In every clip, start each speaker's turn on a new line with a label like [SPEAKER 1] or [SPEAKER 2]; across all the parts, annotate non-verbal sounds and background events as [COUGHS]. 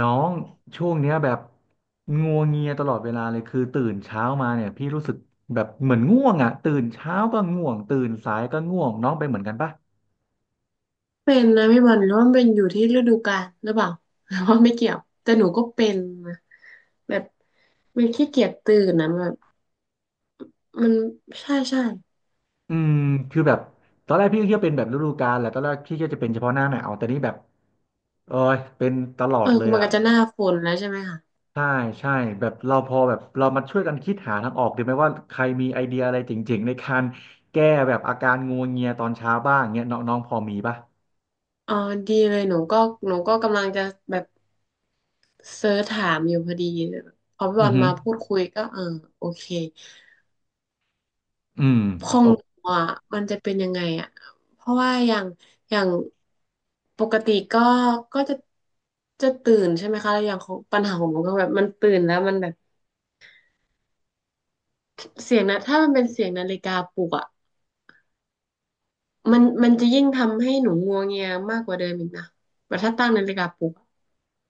[SPEAKER 1] น้องช่วงเนี้ยแบบงัวเงียตลอดเวลาเลยคือตื่นเช้ามาเนี่ยพี่รู้สึกแบบเหมือนง่วงอ่ะตื่นเช้าก็ง่วงตื่นสายก็ง่วงน้องเป็นเหมือนกันปะ
[SPEAKER 2] เป็นนะพี่บอลหรือว่ามันเป็นอยู่ที่ฤดูกาลหรือเปล่าหรือ [LAUGHS] ว่าไม่เกี่ยวแต่หนูก็เป็นนะแบบมันขี้เกียจตื่นนะแบบมันใช่ใช่
[SPEAKER 1] อืมคือแบบตอนแรกพี่ก็คิดว่าเป็นแบบฤดูกาลแหละตอนแรกพี่ก็จะเป็นเฉพาะหน้าหนาวแต่นี่แบบเออเป็นตลอ
[SPEAKER 2] เอ
[SPEAKER 1] ด
[SPEAKER 2] อ
[SPEAKER 1] เลย
[SPEAKER 2] มัน
[SPEAKER 1] อ่ะ
[SPEAKER 2] ก็จะหน้าฝนแล้วใช่ไหมคะ
[SPEAKER 1] ใช่ใช่แบบเราพอแบบเรามาช่วยกันคิดหาทางออกดีไหมว่าใครมีไอเดียอะไรเจ๋งๆในการแก้แบบอาการงัวเงียตอนเช้าบ้างเงี้ยน้องน้องพอมีปะ
[SPEAKER 2] อ๋อดีเลยหนูก็หนูก็กำลังจะแบบเซิร์ชถามอยู่พอดีพอพี่บ
[SPEAKER 1] อื
[SPEAKER 2] อ
[SPEAKER 1] อ
[SPEAKER 2] ล
[SPEAKER 1] ฮึ
[SPEAKER 2] มาพูดคุยก็เออโอเค
[SPEAKER 1] อืม
[SPEAKER 2] ของ
[SPEAKER 1] โอ
[SPEAKER 2] ห
[SPEAKER 1] เค
[SPEAKER 2] นูอ่ะมันจะเป็นยังไงอ่ะเพราะว่าอย่างอย่างปกติก็ก็จะจะตื่นใช่ไหมคะแล้วอย่างของปัญหาของหนูก็แบบมันตื่นแล้วมันแบบเสียงนะถ้ามันเป็นเสียงนาฬิกาปลุกอ่ะมันจะยิ่งทำให้หนูงัวเงียมากกว่าเดิมอีกนะแบบถ้าตั้งนาฬิกาปลุก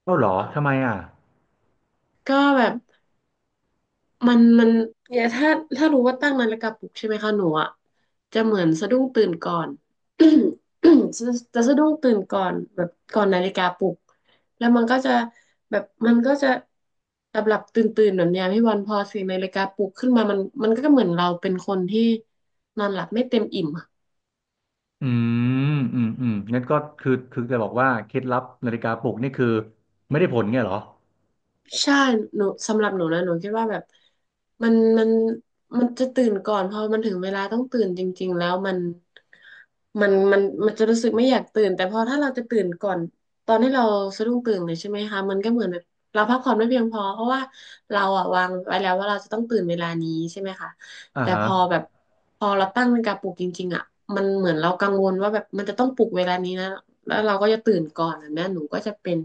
[SPEAKER 1] เอ้าเหรอทำ
[SPEAKER 2] อะ
[SPEAKER 1] ไมอ่ะ
[SPEAKER 2] ก็แบบ มันเนี่ยถ้ารู้ว่าตั้งนาฬิกาปลุกใช่ไหมคะหนูอ่ะจะเหมือนสะดุ้งตื่นก่อน [CLEARS THROAT] [COUGHS] จะจะสะดุ้งตื่นก่อนแบบก่อนนาฬิกาปลุกแล้วมันก็จะแบบมันก็จะหลับหลับตื่นตื่นแบบเนี้ยพี่วันพอเสียงนาฬิกาปลุกขึ้นมามันก็เหมือนเราเป็นคนที่นอนหลับไม่เต็มอิ่มอะ
[SPEAKER 1] อืมอืมงั้นก็คือจะบอกว่าเคล็ดลับนาฬิกาปลุกนี่คือไม่ได้ผลเงี้ยเหรอ
[SPEAKER 2] ใช่หนูสำหรับหนูนะหนูคิดว่าแบบมันมันมันจะตื่นก่อนพอมันถึงเวลาต้องตื่นจริงๆแล้วมันมันจะรู้สึกไม่อยากตื่นแต่พอถ้าเราจะตื่นก่อนตอนที่เราสะดุ้งตื่นเลยใช่ไหมคะมันก็เหมือนแบบเราพักผ่อนไม่เพียงพอเพราะว่าเราอะวางไว้แล้วว่าเราจะต้องตื่นเวลานี้ใช่ไหมคะ
[SPEAKER 1] อ่า
[SPEAKER 2] แต่
[SPEAKER 1] ฮะ
[SPEAKER 2] พอแบบพอเราตั้งนาฬิกาปลุกจริงๆอะมันเหมือนเรากังวลว่าแบบมันจะต้องปลุกเวลานี้นะแล้วเราก็จะตื่นก่อนแบบนี้หนูก็จะเป็น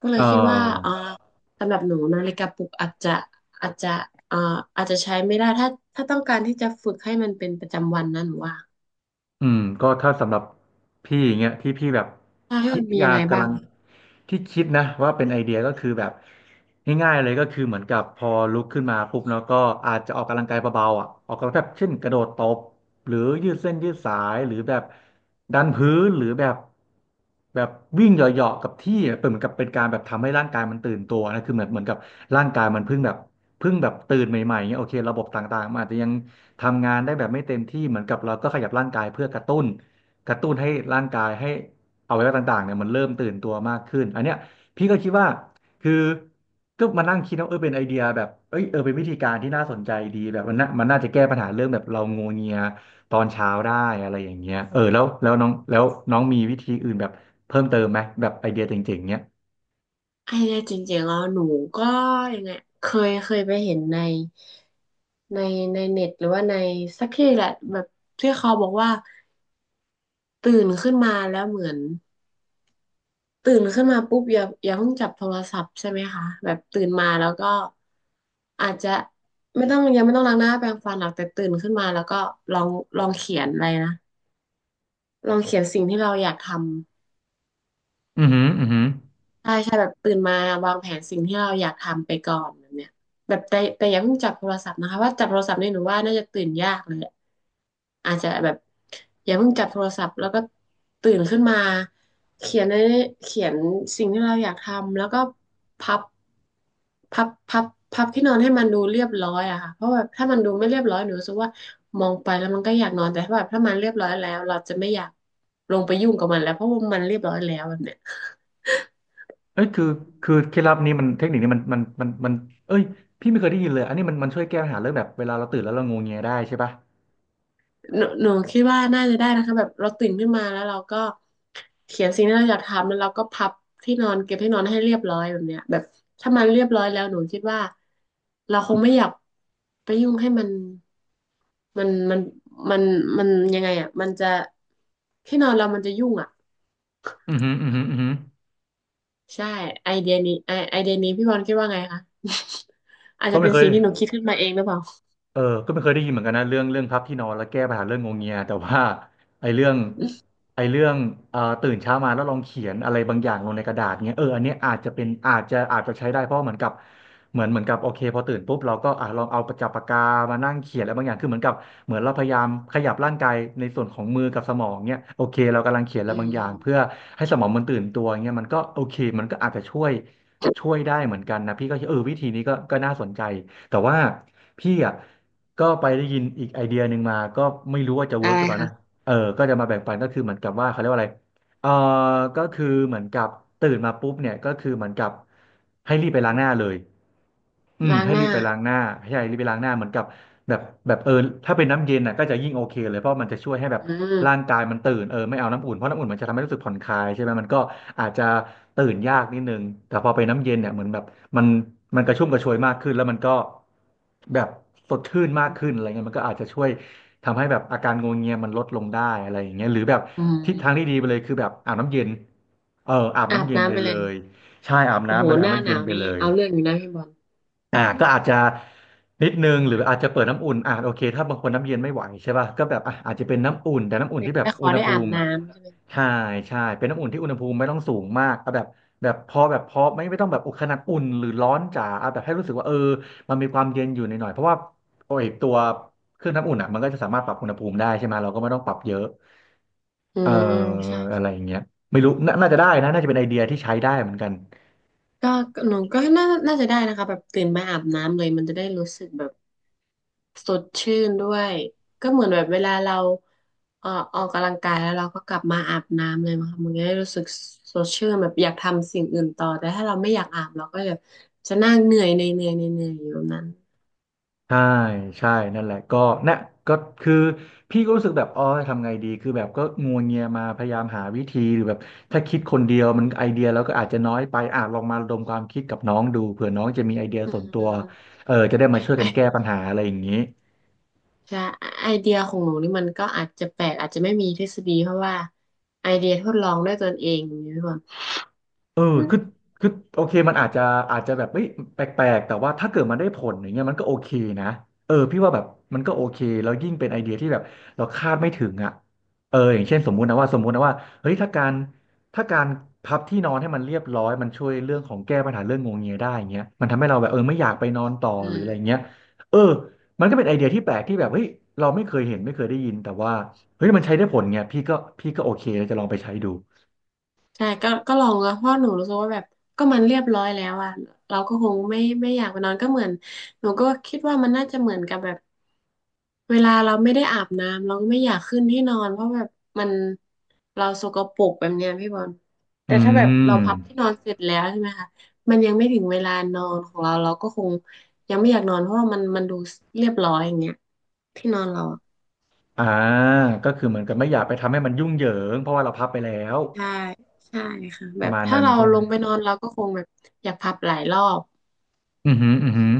[SPEAKER 2] ก็เล
[SPEAKER 1] เ
[SPEAKER 2] ยคิดว่า
[SPEAKER 1] ออ
[SPEAKER 2] สำหรับหนูนาฬิกาปลุกอาจจะอาจจะเอ่ออาจจะใช้ไม่ได้ถ้าต้องการที่จะฝึกให้มันเป็นประจำวันนะหนูว่า
[SPEAKER 1] อืมก็ถ้าสำหรับพี่อย่างเงี้ยที่พี่แบบ
[SPEAKER 2] ใช่ให้
[SPEAKER 1] คิ
[SPEAKER 2] มั
[SPEAKER 1] ด
[SPEAKER 2] นมี
[SPEAKER 1] อยา
[SPEAKER 2] ยัง
[SPEAKER 1] ก
[SPEAKER 2] ไง
[SPEAKER 1] กำ
[SPEAKER 2] บ้า
[SPEAKER 1] ลั
[SPEAKER 2] ง
[SPEAKER 1] งที่คิดนะว่าเป็นไอเดียก็คือแบบง่ายๆเลยก็คือเหมือนกับพอลุกขึ้นมาปุ๊บแล้วก็อาจจะออกกำลังกายเบาๆอ่ะออกกำลังแบบเช่นกระโดดตบหรือยืดเส้นยืดสายหรือแบบดันพื้นหรือแบบแบบวิ่งเหยาะๆกับที่อะเป็นเหมือนกับเป็นการแบบทำให้ร่างกายมันตื่นตัวนะคือเหมือนกับร่างกายมันเพิ่งแบบเพิ่งแบบตื่นใหม่ๆเงี้ยโอเคระบบต่างๆมันอาจจะยัง ทำงานได้แบบไม่เต็มที่เหมือนกับเราก็ขยับร่างกายเพื่อกระตุ้นให้ร่างกายให้อวัยวะต่างๆเนี่ยมันเริ่มตื่นตัวมากขึ้นอันเนี้ยพี่ก็คิดว่าคือก็มานั่งคิดว่าเออเป็นไอเดียแบบเอ้ยเออเป็นวิธีการที่น่าสนใจดีแบบมันน่าจะแก้ปัญหาเรื่องแบบเรางัวเงียตอนเช้าได้อะไรอย่างเงี้ยเออแล้วน้องแล้วน้องมีวิธีอื่นแบบเพิ่มเติมไหมแบบไอเดียเจ๋งๆเนี้ย
[SPEAKER 2] ไอ้เนียจริงๆแล้วหนูก็ยังไงเคยเคยไปเห็นในในในเน็ตหรือว่าในสักที่แหละแบบที่เขาบอกว่าตื่นขึ้นมาแล้วเหมือน ตื่นขึ้นมาปุ๊บอย่าเพิ่งจับโทรศัพท์ใช่ไหมคะแบบตื่นมาแล้วก็อาจจะไม่ต้องยังไม่ต้องล้างหน้าแปรงฟันหรอกแต่ตื่นขึ้นมาแล้วก็ลองลองเขียนอะไรนะลองเขียนสิ่งที่เราอยากทำ
[SPEAKER 1] อือหืออือหือ
[SPEAKER 2] ใช่ใช่แบบตื่นมาวางแผนสิ่งที่เราอยากทำไปก่อนแบบเนี้ยแบบแต่อย่าเพิ่งจับโทรศัพท์นะคะว่าจับโทรศัพท์เนี่ยหนูว่าน่าจะตื่นยากเลยละอาจจะแบบอย่าเพิ่งจับโทรศัพท์แล้วก็ตื่นขึ้นมาเขียนในเขียนสิ่งที่เราอยากทำแล้วก็พับพับพับที่นอนให้มันดูเรียบร้อยอะค่ะเพราะแบบถ้ามันดูไม่เรียบร้อยหนูรู้สึกว่ามองไปแล้วมันก็อยากนอนแต่ถ้าแบบถ้ามันเรียบร้อยแล้วเราจะไม่อยากลงไปยุ่งกับมันแล้วเพราะว่ามันเรียบร้อยแล้วแบบเนี้ย
[SPEAKER 1] เอ้ยคือเคล็ดลับนี้มันเทคนิคนี้มันเอ้ยพี่ไม่เคยได้ยินเลยอันนี้มันช่วยแก้ปัญหาเรื่องแบบเวลาเราตื่นแล้วเรางวงเงียได้ใช่ปะ
[SPEAKER 2] หนูคิดว่าน่าจะได้นะคะแบบเราตื่นขึ้นมาแล้วเราก็เขียนสิ่งที่เราอยากทำแล้วเราก็พับที่นอนเก็บที่นอนให้เรียบร้อยแบบเนี้ยแบบถ้ามันเรียบร้อยแล้วหนูคิดว่าเราคงไม่อยากไปยุ่งให้มันมันมันมันยังไงอ่ะมันจะที่นอนเรามันจะยุ่งอ่ะ
[SPEAKER 1] อือหืออือหืออือหือ
[SPEAKER 2] ใช่ไอเดียนี้ไอไอเดียนี้พี่บอลคิดว่าไงคะ [LAUGHS] อาจ
[SPEAKER 1] ก็
[SPEAKER 2] จะ
[SPEAKER 1] ไม่
[SPEAKER 2] เป็น
[SPEAKER 1] เคย
[SPEAKER 2] สิ่งที่หนูคิดขึ้นมาเองหรือเปล่า
[SPEAKER 1] เออก็ไม่เคยได้ยินเหมือนกันนะเรื่องพับที่นอนแล้วแก้ปัญหาเรื่องงวงเงียแต่ว่าไอ้เรื่องไอ้เรื่องตื่นเช้ามาแล้วลองเขียนอะไรบางอย่างลงในกระดาษเงี้ยเอออันเนี้ยอาจจะเป็นอาจจะใช้ได้เพราะเหมือนกับเหมือนกับโอเคพอตื่นปุ๊บเราก็อ่ะลองเอาประจับปากกามานั่งเขียนอะไรบางอย่างคือเหมือนกับเหมือนเราพยายามขยับร่างกายในส่วนของมือกับสมองเนี้ยโอเคเรากำลังเขียนอะไร
[SPEAKER 2] อื
[SPEAKER 1] บางอย่างเพื่อ
[SPEAKER 2] ม
[SPEAKER 1] ให้สมองมันตื่นตัวเงี้ยมันก็โอเคมันก็อาจจะช่วยได้เหมือนกันนะพี่ก็คิดเออวิธีนี้ก็น่าสนใจ แต่ว่าพี่อ่ะก็ไปได้ยินอีกไอเดียหนึ่งมาก็ไม่รู้ว่าจะเวิ
[SPEAKER 2] อะ
[SPEAKER 1] ร์ก
[SPEAKER 2] ไร
[SPEAKER 1] หรือเปล่า
[SPEAKER 2] คะ
[SPEAKER 1] นะเออก็จะมาแบ่งปันก็คือเหมือนกับว่าเขาเรียกว่าอะไรเออก็คือเหมือนกับตื่นมาปุ๊บเนี่ยก็คือเหมือนกับให้รีบไปล้างหน้าเลยอืม
[SPEAKER 2] ล้าง
[SPEAKER 1] ให้
[SPEAKER 2] ห
[SPEAKER 1] รี
[SPEAKER 2] น้า
[SPEAKER 1] บไปล้างหน้าให้รีบไปล้างหน้าเหมือนกับแบบแบบเออถ้าเป็นน้ำเย็นน่ะก็จะยิ่งโอเคเลยเพราะมันจะช่วยให้แบบ
[SPEAKER 2] อื
[SPEAKER 1] ร่าง
[SPEAKER 2] ม
[SPEAKER 1] กายมันตื่นเออไม่เอาน้ำอุ่นเพราะน้ำอุ่นมันจะทำให้รู้สึกผ่อนคลายใช่ไหมมันก็อาจจะตื่นยากนิดนึงแต่พอไปนน้ำเย็นเนี่ยเหมือนแบบ มันมันกระชุ่มกระชวยมากขึ้นแล้วมันก็แบบสดชื่นมากขึ้นอะไรเงี้ยมันก็อาจจะช่วยทำให้แบบอาการงวงเงียมันลดลงได้อะไรอย่างเงี้ยหรือแบบ
[SPEAKER 2] อื
[SPEAKER 1] ทิศทางที่
[SPEAKER 2] ม
[SPEAKER 1] ดีไปเลยคือแบบอาบน้ำเย็นเอออาบ
[SPEAKER 2] อา
[SPEAKER 1] น้ำ
[SPEAKER 2] บ
[SPEAKER 1] เย็นไป
[SPEAKER 2] น้ำไปเล
[SPEAKER 1] เล
[SPEAKER 2] ย
[SPEAKER 1] ยใช่อาบ
[SPEAKER 2] โอ้
[SPEAKER 1] น้ำ
[SPEAKER 2] โห
[SPEAKER 1] ไปเลย
[SPEAKER 2] ห
[SPEAKER 1] อาบ
[SPEAKER 2] น้า
[SPEAKER 1] น้ำ
[SPEAKER 2] ห
[SPEAKER 1] เย็
[SPEAKER 2] นา
[SPEAKER 1] น
[SPEAKER 2] ว
[SPEAKER 1] ไป
[SPEAKER 2] นี่
[SPEAKER 1] เลย
[SPEAKER 2] เอาเรื่องอยู่นะพี่บอล
[SPEAKER 1] ก็อาจจะนิดนึงหรืออาจจะเปิดน้ำอุ่นโอเคถ้าบางคนน้ำเย็นไม่ไหวใช่ป่ะก็แบบอ่ะอาจจะเป็นน้ำอุ่นแต่น้ำอุ่น
[SPEAKER 2] แต่
[SPEAKER 1] ที่แบบ
[SPEAKER 2] ข
[SPEAKER 1] อุ
[SPEAKER 2] อ
[SPEAKER 1] ณห
[SPEAKER 2] ได้
[SPEAKER 1] ภู
[SPEAKER 2] อาบ
[SPEAKER 1] มิ
[SPEAKER 2] น้ำใช่ไหม
[SPEAKER 1] ใช่ใช่เป็นน้ำอุ่นที่อุณหภูมิไม่ต้องสูงมากเอาแบบแบบพอไม่ต้องแบบอุขนาดอุ่นหรือร้อนจ๋าเอาแบบให้รู้สึกว่าเออมันมีความเย็นอยู่หน่อยๆเพราะว่าโอ้ยตัวเครื่องน้ำอุ่นอ่ะมันก็จะสามารถปรับอุณหภูมิได้ใช่ไหมเราก็ไม่ต้องปรับเยอะ
[SPEAKER 2] อื
[SPEAKER 1] เอ่อ
[SPEAKER 2] มใช่
[SPEAKER 1] อะไรอ
[SPEAKER 2] ใช่
[SPEAKER 1] ย่างเงี้ยไม่รู้น่าจะได้นะน่าจะเป็นไอเดียที่ใช้ได้เหมือนกัน
[SPEAKER 2] ก็หนูก็น่าจะได้นะคะแบบตื่นมาอาบน้ำเลยมันจะได้รู้สึกแบบสดชื่นด้วยก็เหมือนแบบเวลาเราเอ่อออกกำลังกายแล้วเราก็กลับมาอาบน้ำเลยมั้งคะมันจะได้รู้สึกสดชื่นแบบอยากทำสิ่งอื่นต่อแต่ถ้าเราไม่อยากอาบเราก็จะจะนั่งเหนื่อยในเหนื่อยในเหนื่อยอยู่นั้น
[SPEAKER 1] ใช่ใช่นั่นแหละก็นะก็คือพี่ก็รู้สึกแบบอ๋อทำไงดีคือแบบก็งัวเงียมาพยายามหาวิธีหรือแบบถ้าคิดคนเดียวมันไอเดียแล้วก็อาจจะน้อยไปอ่ะลองมาระดมความคิดกับน้องดูเผื่อน้องจะมีไอเดีย
[SPEAKER 2] อื
[SPEAKER 1] ส่วนตัว
[SPEAKER 2] ม
[SPEAKER 1] เออจะได้มาช่วยกันแก้ปัญหาอะไรอย่างนี้
[SPEAKER 2] ใช่ไอเดียของหนูนี่มันก็อาจจะแปลกอาจจะไม่มีทฤษฎีเพราะว่าไอเดียทดลองด้วยตนเองอย่างนี้พี่บอล
[SPEAKER 1] เออ
[SPEAKER 2] อ
[SPEAKER 1] คือคือโอเคมันอาจจะอาจจะแบบเอ้ยแปลกๆแต่ว่าถ้าเกิดมันได้ผลอย่างเงี้ยมันก็โอเคนะเออพี่ว่าแบบมันก็โอเคแล้วยิ่งเป็นไอเดียที่แบบเราคาดไม่ถึงอ่ะเอออย่างเช่นสมมุตินะว่าสมมุตินะว่าเฮ้ยถ้าการพับที่นอนให้มันเรียบร้อยมันช่วยเรื่องของแก้ปัญหาเรื่องงวงเงียได้อย่างเงี้ยมันทำให้เราแบบเออไม่อยากไปนอนต่อ
[SPEAKER 2] ื
[SPEAKER 1] หรืออะไร
[SPEAKER 2] ม
[SPEAKER 1] เงี้ยเออมันก็เป็นไอเดียที่แปลกที่แบบเฮ้ยเราไม่เคยเห็นไม่เคยได้ยินแต่ว่าเฮ้ยมันใช้ได้ผลไงพี่ก็โอเคแล้วจะลองไปใช้ดู
[SPEAKER 2] ใช่ก็ลองนะเพราะหนูรู้สึกว่าแบบก็มันเรียบร้อยแล้วอ่ะเราก็คงไม่อยากไปนอนก็เหมือนหนูก็คิดว่ามันน่าจะเหมือนกับแบบเวลาเราไม่ได้อาบน้ำเราก็ไม่อยากขึ้นที่นอนเพราะแบบมันเราสกปรกแบบเนี้ยพี่บอลแต่
[SPEAKER 1] อื
[SPEAKER 2] ถ้าแบบเรา
[SPEAKER 1] ม
[SPEAKER 2] พับที่นอนเสร็จแล้วใช่ไหมคะมันยังไม่ถึงเวลานอนของเราเราก็คงยังไม่อยากนอนเพราะว่ามันดูเรียบร้อยอย่างเงี้ยที่นอนเราอะ
[SPEAKER 1] อ่าก็คือเหมือนกับไม่อยากไปทำให้มันยุ่งเหยิงเพราะว่าเราพับไปแล้ว
[SPEAKER 2] ใช่ใช่ค่ะ
[SPEAKER 1] ป
[SPEAKER 2] แบ
[SPEAKER 1] ระ
[SPEAKER 2] บ
[SPEAKER 1] มาณ
[SPEAKER 2] ถ้า
[SPEAKER 1] นั้น
[SPEAKER 2] เรา
[SPEAKER 1] ใช่ไห
[SPEAKER 2] ล
[SPEAKER 1] ม
[SPEAKER 2] งไปนอนเราก็คงแบบอยากพับหลายรอบ
[SPEAKER 1] อือหืออือหือ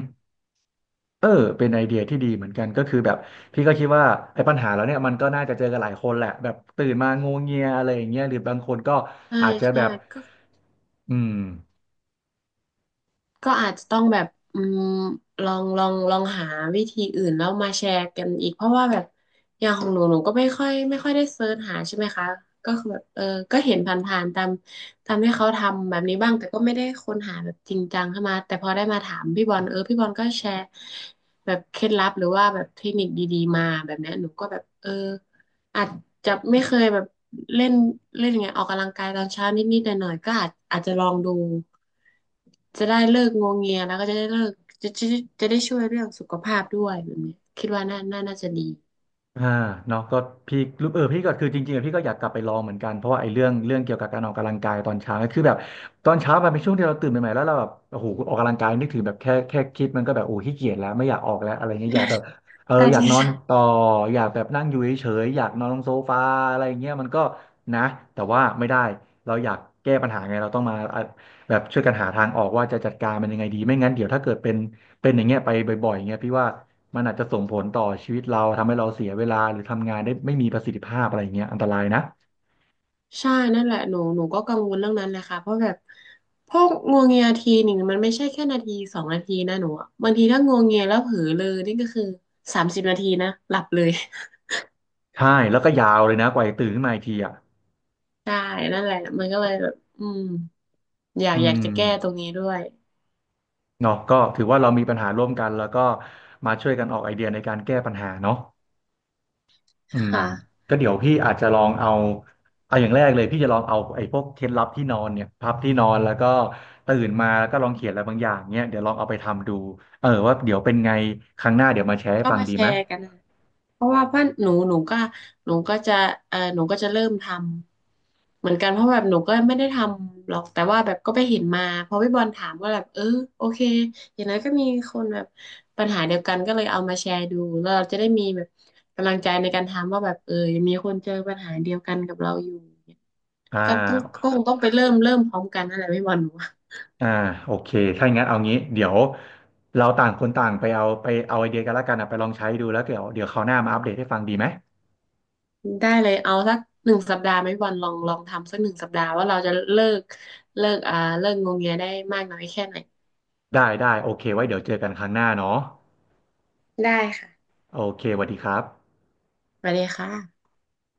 [SPEAKER 1] เออเป็นไอเดียที่ดีเหมือนกันก็คือแบบพี่ก็คิดว่าไอ้ปัญหาแล้วเนี่ยมันก็น่าจะเจอกันหลายคนแหละแบบตื่นมางวงเงียอะไรอย่างเงี้ยหรือบางคนก็
[SPEAKER 2] ใช่
[SPEAKER 1] อาจจะแบ
[SPEAKER 2] ใช่
[SPEAKER 1] บ
[SPEAKER 2] ก็
[SPEAKER 1] อืม
[SPEAKER 2] ก็อาจจะต้องแบบอืมลองหาวิธีอื่นแล้วมาแชร์กันอีกเพราะว่าแบบอย่างของหนูก็ไม่ค่อยได้เซิร์ชหาใช่ไหมคะก็คือแบบก็เห็นผ่านๆตามที่เขาทำแบบนี้บ้างแต่ก็ไม่ได้ค้นหาแบบจริงจังเข้ามาแต่พอได้มาถามพี่บอลพี่บอลก็แชร์แบบเคล็ดลับหรือว่าแบบเทคนิคดีๆมาแบบเนี้ยหนูก็แบบอาจจะไม่เคยแบบเล่นเล่นอย่างเงี้ยออกกำลังกายตอนเช้านิดๆหน่อยๆก็อาจจะลองดูจะได้เลิกงวงเงียแล้วก็จะได้เลิกจะจะได้ช่วยเรื่องสุขภาพด้วยแบบนี้คิดว่าน่าจะดี
[SPEAKER 1] อ่าเนาะก็พี่รู้เออพี่ก็คือจริงๆอะพี่ก็อยากกลับไปลองเหมือนกันเพราะว่าไอ้เรื่องเกี่ยวกับการออกกำลังกายตอนเช้าเนี่ยคือแบบตอนเช้ามันเป็นช่วงที่เราตื่นใหม่ๆแล้วเราแบบโอ้โหออกกำลังกายนึกถึงแบบแค่คิดมันก็แบบโอ้ขี้เกียจแล้วไม่อยากออกแล้วอะไรเงี้ยอยากแบบเออ
[SPEAKER 2] ใช่
[SPEAKER 1] อยาก
[SPEAKER 2] ใช่
[SPEAKER 1] นอน
[SPEAKER 2] ใช่
[SPEAKER 1] ต่ออยากแบบนั่งอยู่เฉยๆอยากนอนลงโซฟาอะไรเงี้ยมันก็นะแต่ว่าไม่ได้เราอยากแก้ปัญหาไงเราต้องมาอ่ะแบบช่วยกันหาทางออกว่าจะจัดการมันยังไงดีไม่งั้นเดี๋ยวถ้าเกิดเป็นอย่างเงี้ยไปบ่อยๆเงี้ยพี่ว่า มันอาจจะส่งผลต่อชีวิตเราทำให้เราเสียเวลาหรือทำงานได้ไม่มีประสิทธิภาพอะไรอย่างเงี้ยอันตรายนะ
[SPEAKER 2] ใช่นั่นแหละหนูก็กังวลเรื่องนั้นเลยค่ะเพราะแบบพวกงวงเงียทีหนึ่งมันไม่ใช่แค่นาที2 นาทีนะหนูอะบางทีถ้างวงเงียแล้วเผลอเลยนี่ก็คือ30 นาทีนะหลับเลย
[SPEAKER 1] ใช่แล้วก็ยาวเลยนะกว่าจะตื่นขึ้นมาอีกทีอ่ะ
[SPEAKER 2] [LAUGHS] ใช่นั่นแหละมันก็เลยแบบอยาก
[SPEAKER 1] อื
[SPEAKER 2] อยาก
[SPEAKER 1] ม
[SPEAKER 2] จะแก้ตรงนี้ด้วย
[SPEAKER 1] เนาะก็ถือว่าเรามีปัญหาร่วมกันแล้วก็มาช่วยกันออกไอเดียในการแก้ปัญหาเนาะอืม
[SPEAKER 2] ค่ะ
[SPEAKER 1] ก็เดี๋ยวพี่อาจจะลองเอาเอาอย่างแรกเลยพี่จะลองเอาไอ้พวกเคล็ดลับที่นอนเนี่ยพับที่นอนแล้วก็ตื่นมาแล้วก็ลองเขียนอะไรบางอย่างเนี่ยเดี๋ยวลองเอาไปทำดูเออว่าเดี๋ยวเป็นไงครั้งหน้าเดี๋ยวมาแชร์ให้
[SPEAKER 2] ก็
[SPEAKER 1] ฟัง
[SPEAKER 2] มา
[SPEAKER 1] ดี
[SPEAKER 2] แช
[SPEAKER 1] ไหม
[SPEAKER 2] ร์กันนะเพราะว่าเพื่อนหนูหนูก็จะหนูก็จะเริ่มทำเหมือนกันเพราะแบบหนูก็ไม่ได้ทำหรอกแต่ว่าแบบก็ไปเห็นมาพอพี่บอลถามก็แบบโอเคอย่างน้นก็มีคนแบบปัญหาเดียวกันก็เลยเอามาแชร์ดูแล้วเราจะได้มีแบบกำลังใจในการทำว่าแบบยังมีคนเจอปัญหาเดียวกันกับเราอยู่
[SPEAKER 1] อ่
[SPEAKER 2] ก็
[SPEAKER 1] า
[SPEAKER 2] คงต้องไปเริ่มพร้อมกันนั่นแหละพี่บอลหนู
[SPEAKER 1] อ่าโอเคถ้าอย่างนั้นเอางี้เดี๋ยวเราต่างคนต่างไปเอาไปเอาไอเดียกันละกันนะไปลองใช้ดูแล้วเดี๋ยวคราวหน้ามาอัปเดตให้ฟังดีไหม
[SPEAKER 2] ได้เลยเอาสักหนึ่งสัปดาห์ไหมวันลองทำสักหนึ่งสัปดาห์ว่าเราจะเลิกเลิกงงเงียได้มากน้อยแค่ไหน
[SPEAKER 1] ได้ได้โอเคไว้เดี๋ยวเจอกันครั้งหน้าเนาะ
[SPEAKER 2] ได้ค่ะ
[SPEAKER 1] โอเคสวัสดีครับ
[SPEAKER 2] ไปเลยค่ะ